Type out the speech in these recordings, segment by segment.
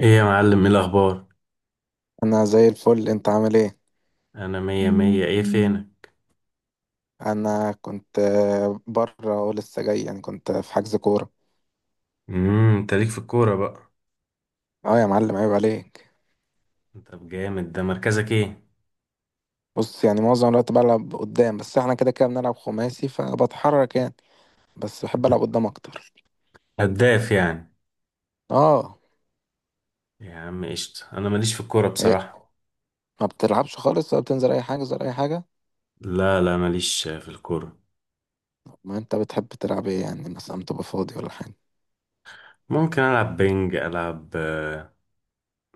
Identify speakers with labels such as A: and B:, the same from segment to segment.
A: ايه يا معلم، ايه الاخبار؟
B: انا زي الفل، انت عامل ايه؟
A: انا مية مية. ايه فينك؟
B: انا كنت بره ولسه جاي، يعني كنت في حجز كوره.
A: انت ليك في الكورة بقى؟
B: اه يا معلم، عيب عليك.
A: طب جامد. ده مركزك ايه؟
B: بص، يعني معظم الوقت بلعب قدام، بس احنا كده كده بنلعب خماسي فبتحرك يعني. بس بحب العب قدام اكتر.
A: هداف يعني؟
B: اه.
A: يا عم قشطة، انا ماليش في الكورة
B: إيه؟
A: بصراحة.
B: ما بتلعبش خالص؟ ولا بتنزل اي حاجه ولا اي حاجه؟
A: لا، لا، ماليش في الكورة.
B: ما انت بتحب تلعب ايه يعني؟ مثلا تبقى فاضي ولا حاجه؟
A: ممكن العب بينج، العب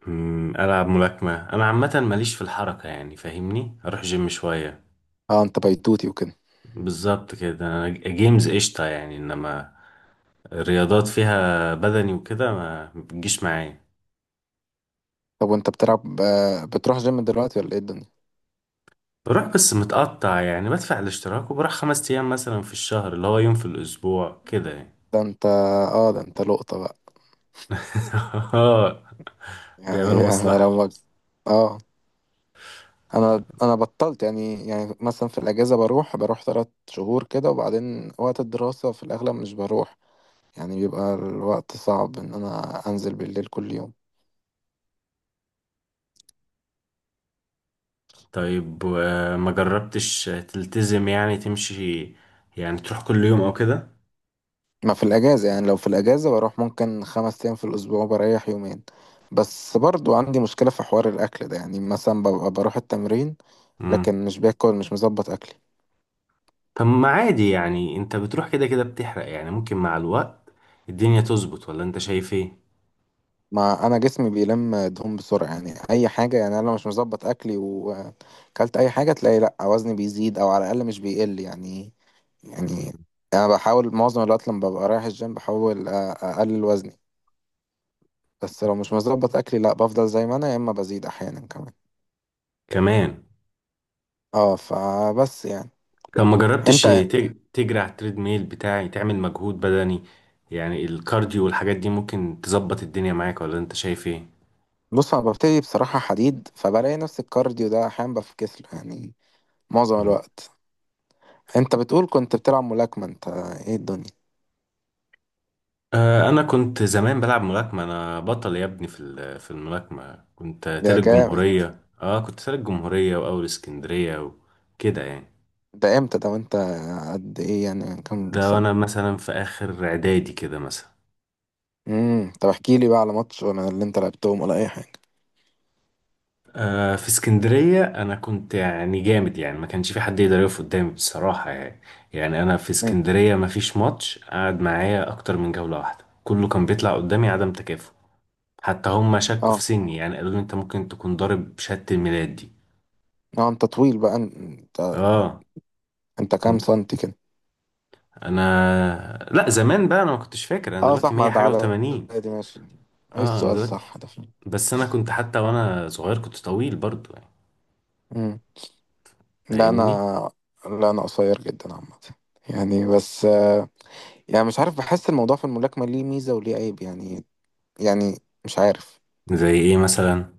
A: العب ملاكمة. انا عامة ماليش في الحركة يعني، فاهمني، اروح جيم شوية.
B: اه انت بيتوتي وكده.
A: بالظبط كده، أنا جيمز قشطة يعني، انما الرياضات فيها بدني وكده ما بتجيش معايا.
B: طب وانت بتلعب بتروح جيم دلوقتي ولا ايه الدنيا؟
A: بروح بس متقطع، يعني بدفع الاشتراك وبروح 5 أيام مثلا في الشهر، اللي هو يوم في الأسبوع كده يعني.
B: ده انت اه ده انت لقطه بقى.
A: اه،
B: يعني
A: بيعملوا
B: انا لو.
A: مصلحة.
B: اه، انا بطلت، يعني يعني مثلا في الاجازه بروح ثلاث شهور كده، وبعدين وقت الدراسه في الاغلب مش بروح. يعني بيبقى الوقت صعب ان انا انزل بالليل كل يوم.
A: طيب، ما جربتش تلتزم، يعني تمشي، يعني تروح كل يوم أو كده؟
B: ما في الاجازه، يعني لو في الاجازه بروح ممكن خمس ايام في الاسبوع، بريح يومين. بس برضو عندي مشكله في حوار الاكل ده، يعني مثلا ببقى بروح التمرين
A: مم.
B: لكن مش باكل، مش مظبط اكلي.
A: طب ما عادي يعني، أنت بتروح كده كده بتحرق، يعني ممكن مع الوقت الدنيا تظبط، ولا أنت شايف إيه؟
B: ما انا جسمي بيلم دهون بسرعه، يعني اي حاجه، يعني انا لو مش مظبط اكلي واكلت اي حاجه تلاقي لا وزني بيزيد او على الاقل مش بيقل يعني. يعني انا بحاول معظم الوقت لما ببقى رايح الجيم بحاول اقلل وزني. بس لو مش مظبط اكلي لا بفضل زي ما انا، يا اما بزيد احيانا كمان.
A: كمان.
B: اه فبس يعني.
A: طب ما جربتش
B: انت.
A: تجري على التريد ميل بتاعي، تعمل مجهود بدني، يعني الكارديو والحاجات دي ممكن تظبط الدنيا معاك، ولا انت شايف ايه؟
B: بص انا ببتدي بصراحه حديد، فبلاقي نفس الكارديو ده احيانا بفكس له يعني معظم
A: مم.
B: الوقت. انت بتقول كنت بتلعب ملاكمه انت، ايه الدنيا؟
A: آه، انا كنت زمان بلعب ملاكمة. انا بطل يا ابني في الملاكمة. كنت
B: يا
A: تالت
B: جامد.
A: جمهورية. اه كنت تالت جمهورية واول اسكندرية، وكده يعني.
B: ده امتى ده وانت قد ايه يعني؟ كم
A: ده وانا
B: سنة؟
A: مثلا في اخر اعدادي كده مثلا.
B: امم. طب احكي لي بقى على ماتش ولا اللي انت لعبتهم ولا اي حاجة.
A: في اسكندرية أنا كنت يعني جامد، يعني ما كانش في حد يقدر يقف قدامي بصراحة يعني. يعني أنا في
B: امم.
A: اسكندرية ما فيش ماتش قعد معايا أكتر من جولة واحدة، كله كان بيطلع قدامي عدم تكافؤ. حتى هم شكوا في
B: اه.
A: سني، يعني قالوا لي أنت ممكن تكون ضارب شهادة الميلاد دي.
B: اه انت طويل بقى انت،
A: آه
B: انت كام
A: كنت.
B: سنتي كده؟
A: أنا، لا، زمان بقى أنا ما كنتش فاكر، أنا
B: اه صح،
A: دلوقتي
B: ما
A: 100
B: ده
A: حاجة و80.
B: عددي ماشي. ايه
A: أنا
B: السؤال
A: دلوقتي
B: صح ده فين؟
A: بس أنا كنت حتى وأنا صغير كنت طويل برضو يعني،
B: امم. لا انا
A: فاهمني.
B: لا انا قصير جدا عامة، يعني بس يعني مش عارف، بحس الموضوع في الملاكمة ليه ميزة وليه عيب يعني. يعني مش عارف.
A: زي إيه مثلا؟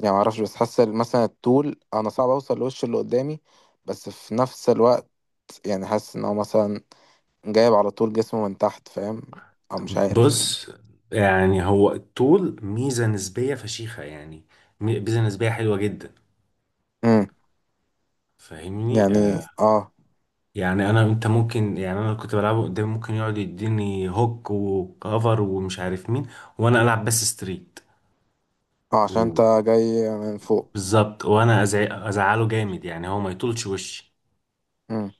B: يعني ما اعرفش بس حاسه مثلا الطول، انا صعب اوصل لوش اللي قدامي. بس في نفس الوقت يعني حاسس ان هو مثلا جايب على طول جسمه من تحت، فاهم؟ او مش عارف يعني.
A: بص، يعني هو الطول ميزة نسبية فشيخة يعني، ميزة نسبية حلوة جدا،
B: امم.
A: فاهمني.
B: يعني اه.
A: يعني انا، انت ممكن، يعني انا كنت بلعبه قدام، ممكن يقعد يديني هوك وكفر ومش عارف مين، وانا العب بس ستريت.
B: اه عشان انت
A: و-
B: جاي من فوق.
A: بالظبط، وانا ازعله جامد يعني، هو ما يطولش وشي.
B: امم.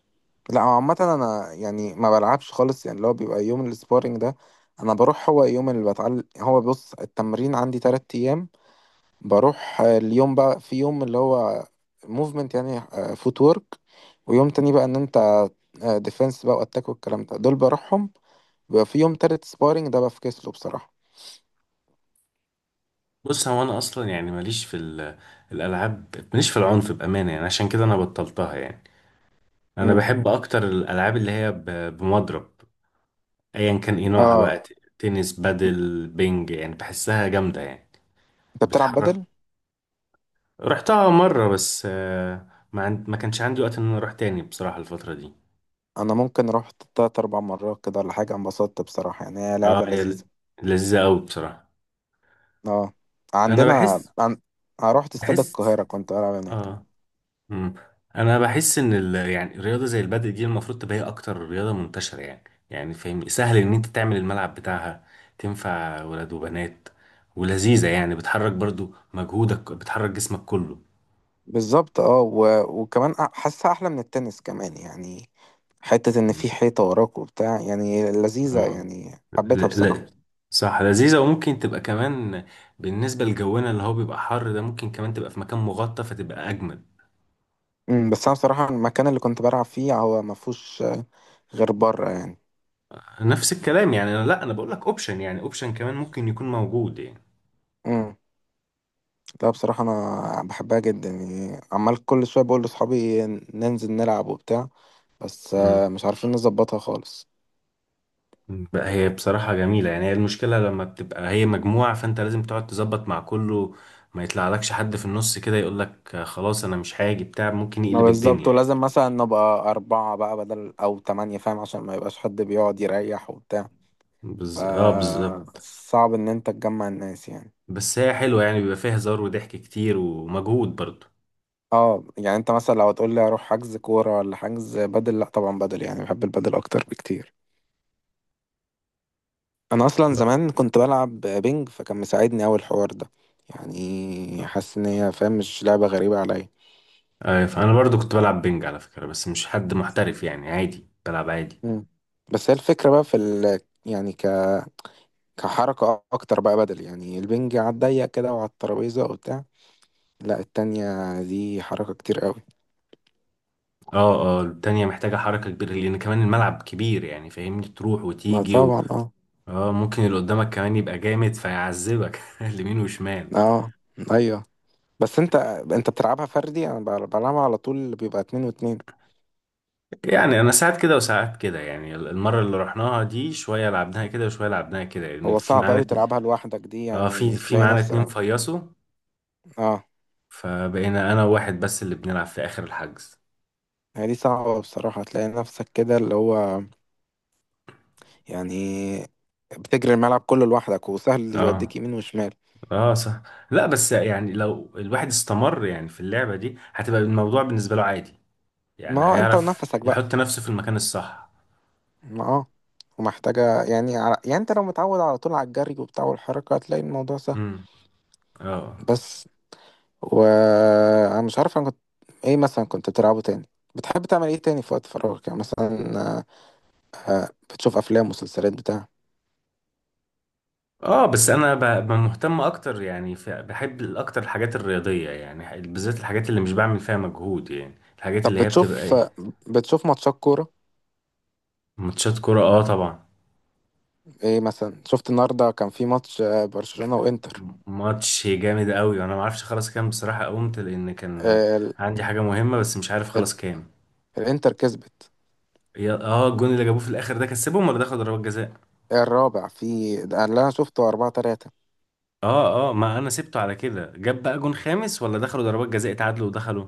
B: لا هو عامه انا يعني ما بلعبش خالص، يعني اللي هو بيبقى يوم السبارينج ده انا بروح. هو يوم اللي بتعلم، هو بص التمرين عندي تلات ايام. بروح اليوم بقى في يوم اللي هو موفمنت يعني، فوت وورك. ويوم تاني بقى ان انت ديفنس بقى واتاك والكلام ده، دول بروحهم. بيبقى في يوم تالت سبارينج ده بفكس له بصراحه.
A: بص، هو انا اصلا يعني ماليش في الالعاب، ماليش في العنف بامانه يعني، عشان كده انا بطلتها يعني. انا
B: امم.
A: بحب اكتر الالعاب اللي هي بمضرب، ايا كان ايه نوعها
B: اه
A: بقى. تنس، بادل، بينج، يعني بحسها جامدة يعني،
B: انت بتلعب
A: بتحرك.
B: بدل.
A: رحتها مرة بس. ما كانش عندي وقت ان انا اروح تاني بصراحة الفترة دي.
B: انا ممكن رحت تلات اربع مرات كده ولا حاجه، انبسطت بصراحه، يعني هي
A: اه،
B: لعبه
A: هي
B: لذيذه.
A: لذيذة قوي بصراحة.
B: اه.
A: انا
B: عندنا
A: بحس
B: عن... أنا رحت استاد القاهره
A: بحس
B: كنت بلعب هناك.
A: اه. مم. انا بحس ان يعني الرياضة زي البادل دي المفروض تبقى هي اكتر رياضة منتشرة يعني، يعني فاهم سهل ان انت تعمل الملعب بتاعها، تنفع ولاد وبنات، ولذيذة يعني، بتحرك برضو، مجهودك بتحرك جسمك كله.
B: بالظبط اه. وكمان حاسها احلى من التنس كمان يعني. حته ان في حيطه وراك وبتاع، يعني لذيذه
A: آه.
B: يعني،
A: لا،
B: حبيتها
A: لا،
B: بصراحه.
A: صح، لذيذة. وممكن تبقى كمان بالنسبة لجونا اللي هو بيبقى حر ده، ممكن كمان تبقى في مكان مغطى فتبقى أجمل.
B: امم. بس انا بصراحه المكان اللي كنت بلعب فيه هو ما فيهوش غير بره يعني.
A: نفس الكلام يعني، أنا، لا، أنا بقول لك أوبشن يعني، أوبشن كمان ممكن يكون موجود يعني.
B: امم. لا بصراحة أنا بحبها جدا، يعني عمال كل شوية بقول لأصحابي ننزل نلعب وبتاع. بس
A: مم.
B: مش عارفين نظبطها خالص.
A: بقى هي بصراحة جميلة يعني، هي المشكلة لما بتبقى هي مجموعة، فأنت لازم تقعد تظبط مع كله، ما يطلعلكش حد في النص كده يقول لك خلاص أنا مش هاجي بتاع، ممكن
B: ما
A: يقلب
B: بالظبط،
A: الدنيا يعني.
B: ولازم مثلا نبقى أربعة بقى بدل أو تمانية، فاهم؟ عشان ما يبقاش حد بيقعد يريح وبتاع. ف
A: اه، بالظبط.
B: صعب إن أنت تجمع الناس يعني.
A: بس هي حلوة يعني، بيبقى فيها هزار وضحك كتير ومجهود برضه.
B: اه يعني أنت مثلا لو هتقول لي أروح حجز كورة ولا حجز بدل، لأ طبعا بدل، يعني بحب البدل أكتر بكتير. أنا أصلا زمان كنت بلعب بينج، فكان مساعدني أوي الحوار ده. يعني حاسس إن هي، فاهم، مش لعبة غريبة عليا.
A: فانا برضو كنت بلعب بينج على فكرة، بس مش حد محترف يعني، عادي بلعب عادي.
B: مم. بس هي الفكرة بقى في ال... يعني ك... كحركة أكتر بقى بدل، يعني البنج على الضيق كده وعلى الترابيزة وبتاع. لا التانية دي حركة كتير قوي.
A: اه، اه، التانية محتاجة حركة كبيرة، لأن كمان الملعب كبير يعني، فاهمني، تروح
B: ما
A: وتيجي
B: طبعا اه.
A: اه، ممكن اللي قدامك كمان يبقى جامد فيعذبك اليمين وشمال.
B: اه أيوه. بس أنت، أنت بتلعبها فردي؟ أنا بلعبها على طول بيبقى اتنين واتنين.
A: يعني أنا ساعات كده وساعات كده، يعني المرة اللي رحناها دي شوية لعبناها كده وشوية لعبناها كده، لأن
B: هو
A: في
B: صعب
A: معانا
B: أوي تلعبها لوحدك دي،
A: اه، في
B: يعني
A: في
B: تلاقي
A: معانا 2
B: نفسك.
A: فيصوا،
B: اه
A: فبقينا أنا وواحد بس اللي بنلعب في آخر الحجز.
B: هي دي صعبة بصراحة تلاقي نفسك كده اللي هو يعني بتجري الملعب كله لوحدك، وسهل
A: اه،
B: يوديك يمين وشمال.
A: اه، صح. لا بس يعني، لو الواحد استمر يعني في اللعبة دي، هتبقى الموضوع بالنسبة له عادي،
B: ما
A: يعني
B: هو انت
A: هيعرف
B: ونفسك بقى.
A: يحط نفسه في المكان الصح.
B: ما اه. ومحتاجة يعني على... يعني انت لو متعود على طول على الجري وبتاع والحركة هتلاقي الموضوع سهل.
A: امم اه،
B: بس. و. انا مش عارف انا كنت ايه مثلا كنت بتلعبه تاني. بتحب تعمل ايه تاني في وقت فراغك يعني مثلا؟ بتشوف افلام، مسلسلات، بتاع؟
A: اه، بس انا مهتم اكتر يعني، بحب اكتر الحاجات الرياضية، يعني بالذات الحاجات اللي مش بعمل فيها مجهود يعني، الحاجات
B: طب
A: اللي هي بتبقى
B: بتشوف
A: ايه.
B: بتشوف ماتشات كورة؟
A: ماتشات كرة، اه طبعا.
B: ايه مثلا شفت النهاردة؟ كان في ماتش برشلونة وانتر.
A: ماتش جامد قوي، وانا ما اعرفش خلاص كام بصراحة، قمت لان كان
B: ال...
A: عندي حاجة مهمة، بس مش عارف
B: ال...
A: خلاص كام.
B: الانتر كسبت.
A: اه، الجون اللي جابوه في الاخر ده كسبهم، ولا ده خد ضربات جزاء؟
B: الرابع في ده اللي انا شفته 4 3.
A: اه، اه، ما انا سبته على كده، جاب بقى جون خامس، ولا دخلوا ضربات جزاء اتعادلوا ودخلوا؟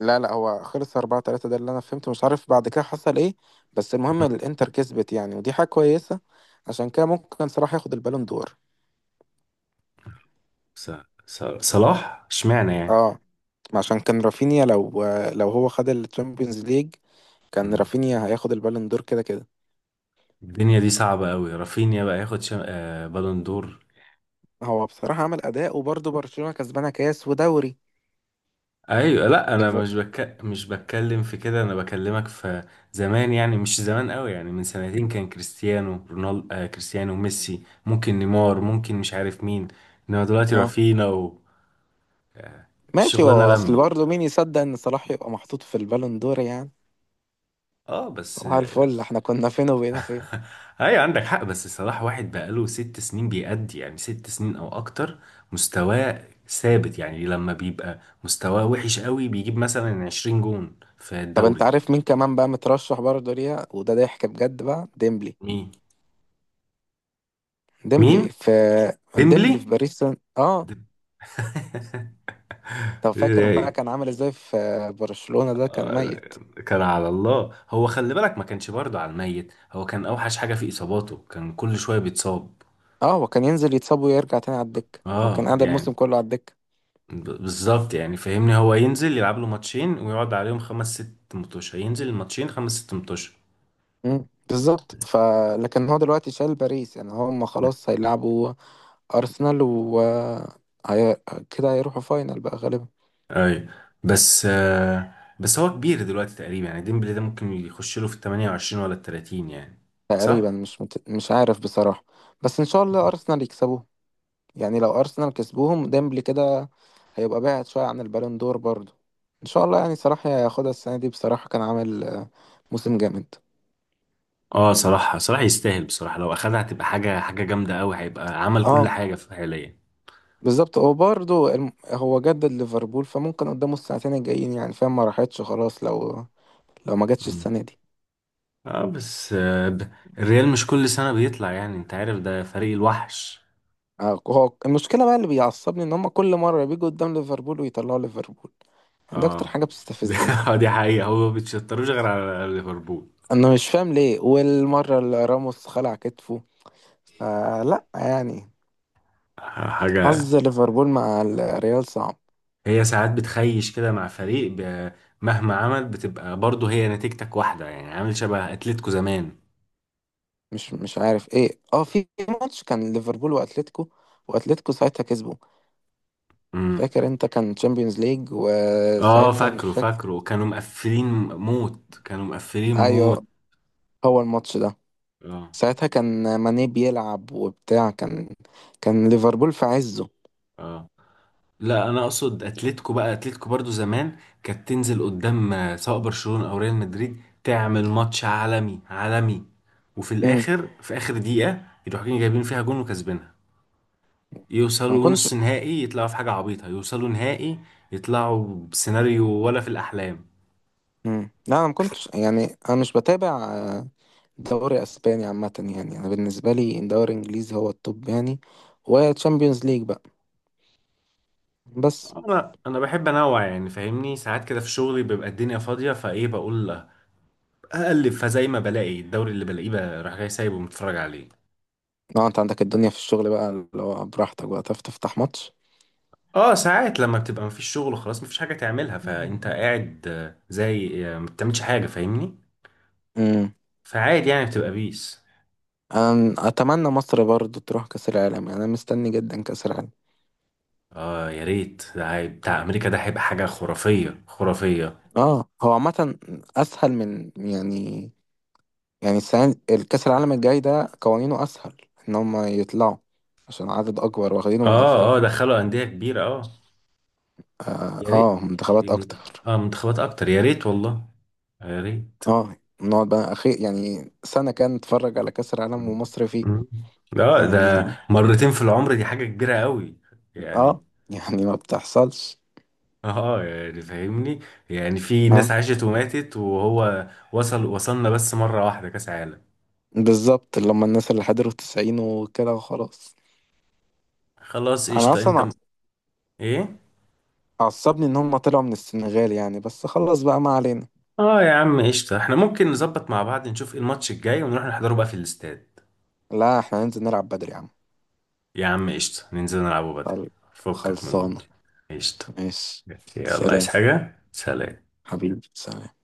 B: لا لا هو خلص 4 3 ده اللي انا فهمته، مش عارف بعد كده حصل ايه. بس المهم
A: مم.
B: الانتر كسبت يعني، ودي حاجة كويسة. عشان كده ممكن صلاح ياخد البالون دور.
A: ص- صلاح اشمعنى يعني؟
B: اه، عشان كان رافينيا لو، لو هو خد الشامبيونز ليج كان
A: مم.
B: رافينيا هياخد البالون دور كده كده.
A: الدنيا دي صعبة قوي، رافينيا بقى ياخد شم... آه بالون دور.
B: هو بصراحة عمل أداء، وبرضه برشلونة كسبانة كاس ودوري.
A: ايوه، لا، انا
B: ليفر-
A: مش بتكلم في كده، انا بكلمك في زمان، يعني مش زمان قوي، يعني من سنتين كان كريستيانو رونالدو، كريستيانو ميسي، ممكن نيمار، ممكن مش عارف مين، انما دلوقتي
B: اه
A: رافينا
B: ماشي.
A: والشغلانة
B: هو أصل
A: لمت.
B: برضه مين يصدق إن صلاح يبقى محطوط في البالون دور يعني؟
A: اه بس.
B: صباح الفل، احنا كنا فين وبقينا فين.
A: ايوه، عندك حق، بس الصراحة واحد بقاله 6 سنين بيأدي، يعني 6 سنين او اكتر مستواه ثابت، يعني لما بيبقى مستواه وحش قوي بيجيب مثلا 20 جون في
B: طب انت
A: الدوري.
B: عارف مين كمان بقى مترشح برضه ليها وده ضحك بجد بقى؟ ديمبلي.
A: مين؟
B: ديمبلي
A: مين؟
B: في ديمبلي في
A: ديمبلي؟
B: باريس سان اه.
A: ديم-
B: طب
A: إيه
B: فاكر بقى
A: ده؟
B: كان عامل ازاي في برشلونة ده؟ كان ميت.
A: كان على الله، هو خلي بالك ما كانش برضه على الميت، هو كان اوحش حاجة في اصاباته، كان كل شوية بيتصاب.
B: اه هو كان ينزل يتصاب ويرجع تاني على الدكة، هو كان
A: اه
B: قاعد الموسم
A: يعني،
B: كله على الدكة.
A: بالظبط يعني، فاهمني هو ينزل يلعب له ماتشين ويقعد عليهم 5 6 متوشة، ينزل الماتشين 5 6 متوشة.
B: بالظبط. ف لكن هو دلوقتي شال باريس، يعني هم خلاص هيلعبوا ارسنال و هي... كده هيروحوا فاينل بقى غالبا.
A: اي، بس آه بس هو كبير دلوقتي تقريبا يعني، ديمبلي ده ممكن يخش له في ال 28 ولا ال 30 يعني،
B: تقريبا
A: صح؟
B: مش مت... مش عارف بصراحة. بس ان شاء الله ارسنال يكسبوه. يعني لو ارسنال كسبوهم ديمبلي كده هيبقى بعد شويه عن البالون دور برضو. ان شاء الله، يعني صلاح هياخدها السنه دي بصراحه، كان عامل موسم جامد.
A: اه، صراحة صراحة يستاهل بصراحة، لو اخدها هتبقى حاجة، حاجة جامدة قوي، هيبقى عمل كل
B: اه
A: حاجة في حاليا.
B: بالظبط. هو برضو هو جدد ليفربول، فممكن قدامه السنتين الجايين يعني، فاهم؟ ما راحتش خلاص لو، لو ما جاتش
A: مم.
B: السنه دي.
A: اه بس، الريال مش كل سنة بيطلع يعني، انت عارف ده فريق الوحش.
B: هو المشكله بقى اللي بيعصبني ان هم كل مره بيجوا قدام ليفربول ويطلعوا ليفربول، يعني ده اكتر
A: اه
B: حاجه
A: دي
B: بتستفزني.
A: دي حقيقة، هو ما بيتشطروش غير على ليفربول.
B: انا مش فاهم ليه، والمره اللي راموس خلع كتفه فلا يعني. حظ
A: حاجة.
B: ليفربول مع الريال صعب.
A: هي ساعات بتخيش كده مع فريق مهما عمل بتبقى برضه هي نتيجتك واحدة يعني، عامل شبه أتلتيكو زمان.
B: مش مش عارف ايه. اه في ماتش كان ليفربول واتلتيكو، واتلتيكو ساعتها كسبوا.
A: امم
B: فاكر انت؟ كان تشامبيونز ليج
A: اه،
B: وساعتها مش
A: فاكره
B: فاكر.
A: فاكره كانوا مقفلين موت، كانوا مقفلين موت.
B: ايوه. هو الماتش ده
A: اه،
B: ساعتها كان ماني بيلعب وبتاع، كان كان ليفربول في عزه.
A: اه، لا، انا اقصد اتلتيكو بقى، اتلتيكو برضه زمان كانت تنزل قدام سواء برشلونة او ريال مدريد، تعمل ماتش عالمي عالمي، وفي
B: امم
A: الاخر في اخر دقيقة يروحوا جايبين فيها جون وكسبينها،
B: انا ما
A: يوصلوا
B: كنتش.
A: نص نهائي، يطلعوا في حاجة عبيطة يوصلوا نهائي، يطلعوا بسيناريو ولا في الأحلام.
B: امم. لا انا ما كنتش يعني انا مش بتابع دوري اسباني عامه. يعني انا بالنسبه لي دوري انجليزي هو التوب يعني، وتشامبيونز ليج بقى. بس.
A: أنا بحب أنوع يعني، فاهمني، ساعات كده في شغلي بيبقى الدنيا فاضية، فإيه بقول لا، أقلب فزي ما بلاقي الدوري اللي بلاقيه بقى، راح جاي سايبه متفرج عليه.
B: اه انت عندك الدنيا في الشغل بقى اللي هو براحتك بقى تعرف تفتح ماتش.
A: اه، ساعات لما بتبقى مفيش شغل خلاص، مفيش حاجة تعملها فأنت
B: مم.
A: قاعد زي ما بتعملش حاجة، فاهمني،
B: امم.
A: فعادي يعني بتبقى بيس.
B: انا اتمنى مصر برضو تروح كاس العالم، يعني انا مستني جدا كاس العالم.
A: اه يا ريت، ده بتاع أمريكا ده هيبقى حاجة خرافية، خرافية.
B: اه. هو عامه اسهل من يعني، يعني السنه الكاس العالم الجاي ده قوانينه اسهل ان هم يطلعوا، عشان عدد اكبر واخدينه من
A: اه، اه،
B: افريقيا.
A: دخلوا أندية كبيرة، اه.
B: اه،
A: يا ريت،
B: منتخبات اكتر.
A: منتخبات اكتر، يا ريت والله، يا ريت.
B: اه نقعد بقى اخي يعني سنه كان نتفرج على كاس العالم ومصر فيه.
A: مم. اه، ده
B: يعني
A: مرتين في العمر، دي حاجة كبيرة قوي يعني
B: اه يعني ما بتحصلش.
A: اه يعني فاهمني، يعني في
B: آه.
A: ناس عاشت وماتت، وهو وصلنا بس مرة واحدة كاس عالم.
B: بالظبط، اللي هم الناس اللي حضروا التسعين وكده وخلاص.
A: خلاص
B: انا
A: قشطة، انت
B: اصلا
A: م... ايه؟
B: عصبني ان هم طلعوا من السنغال يعني، بس خلص بقى ما علينا.
A: اه يا عم قشطة، احنا ممكن نظبط مع بعض، نشوف ايه الماتش الجاي ونروح نحضره بقى في الاستاد.
B: لا احنا هننزل نلعب بدري يا عم.
A: يا عم قشطة، ننزل نلعبه بدل،
B: طيب.
A: فكك من
B: خلصانة.
A: الماتش. قشطة.
B: ماشي.
A: يلا، عايز
B: سلام.
A: حاجة؟ سلام.
B: حبيبي سلام.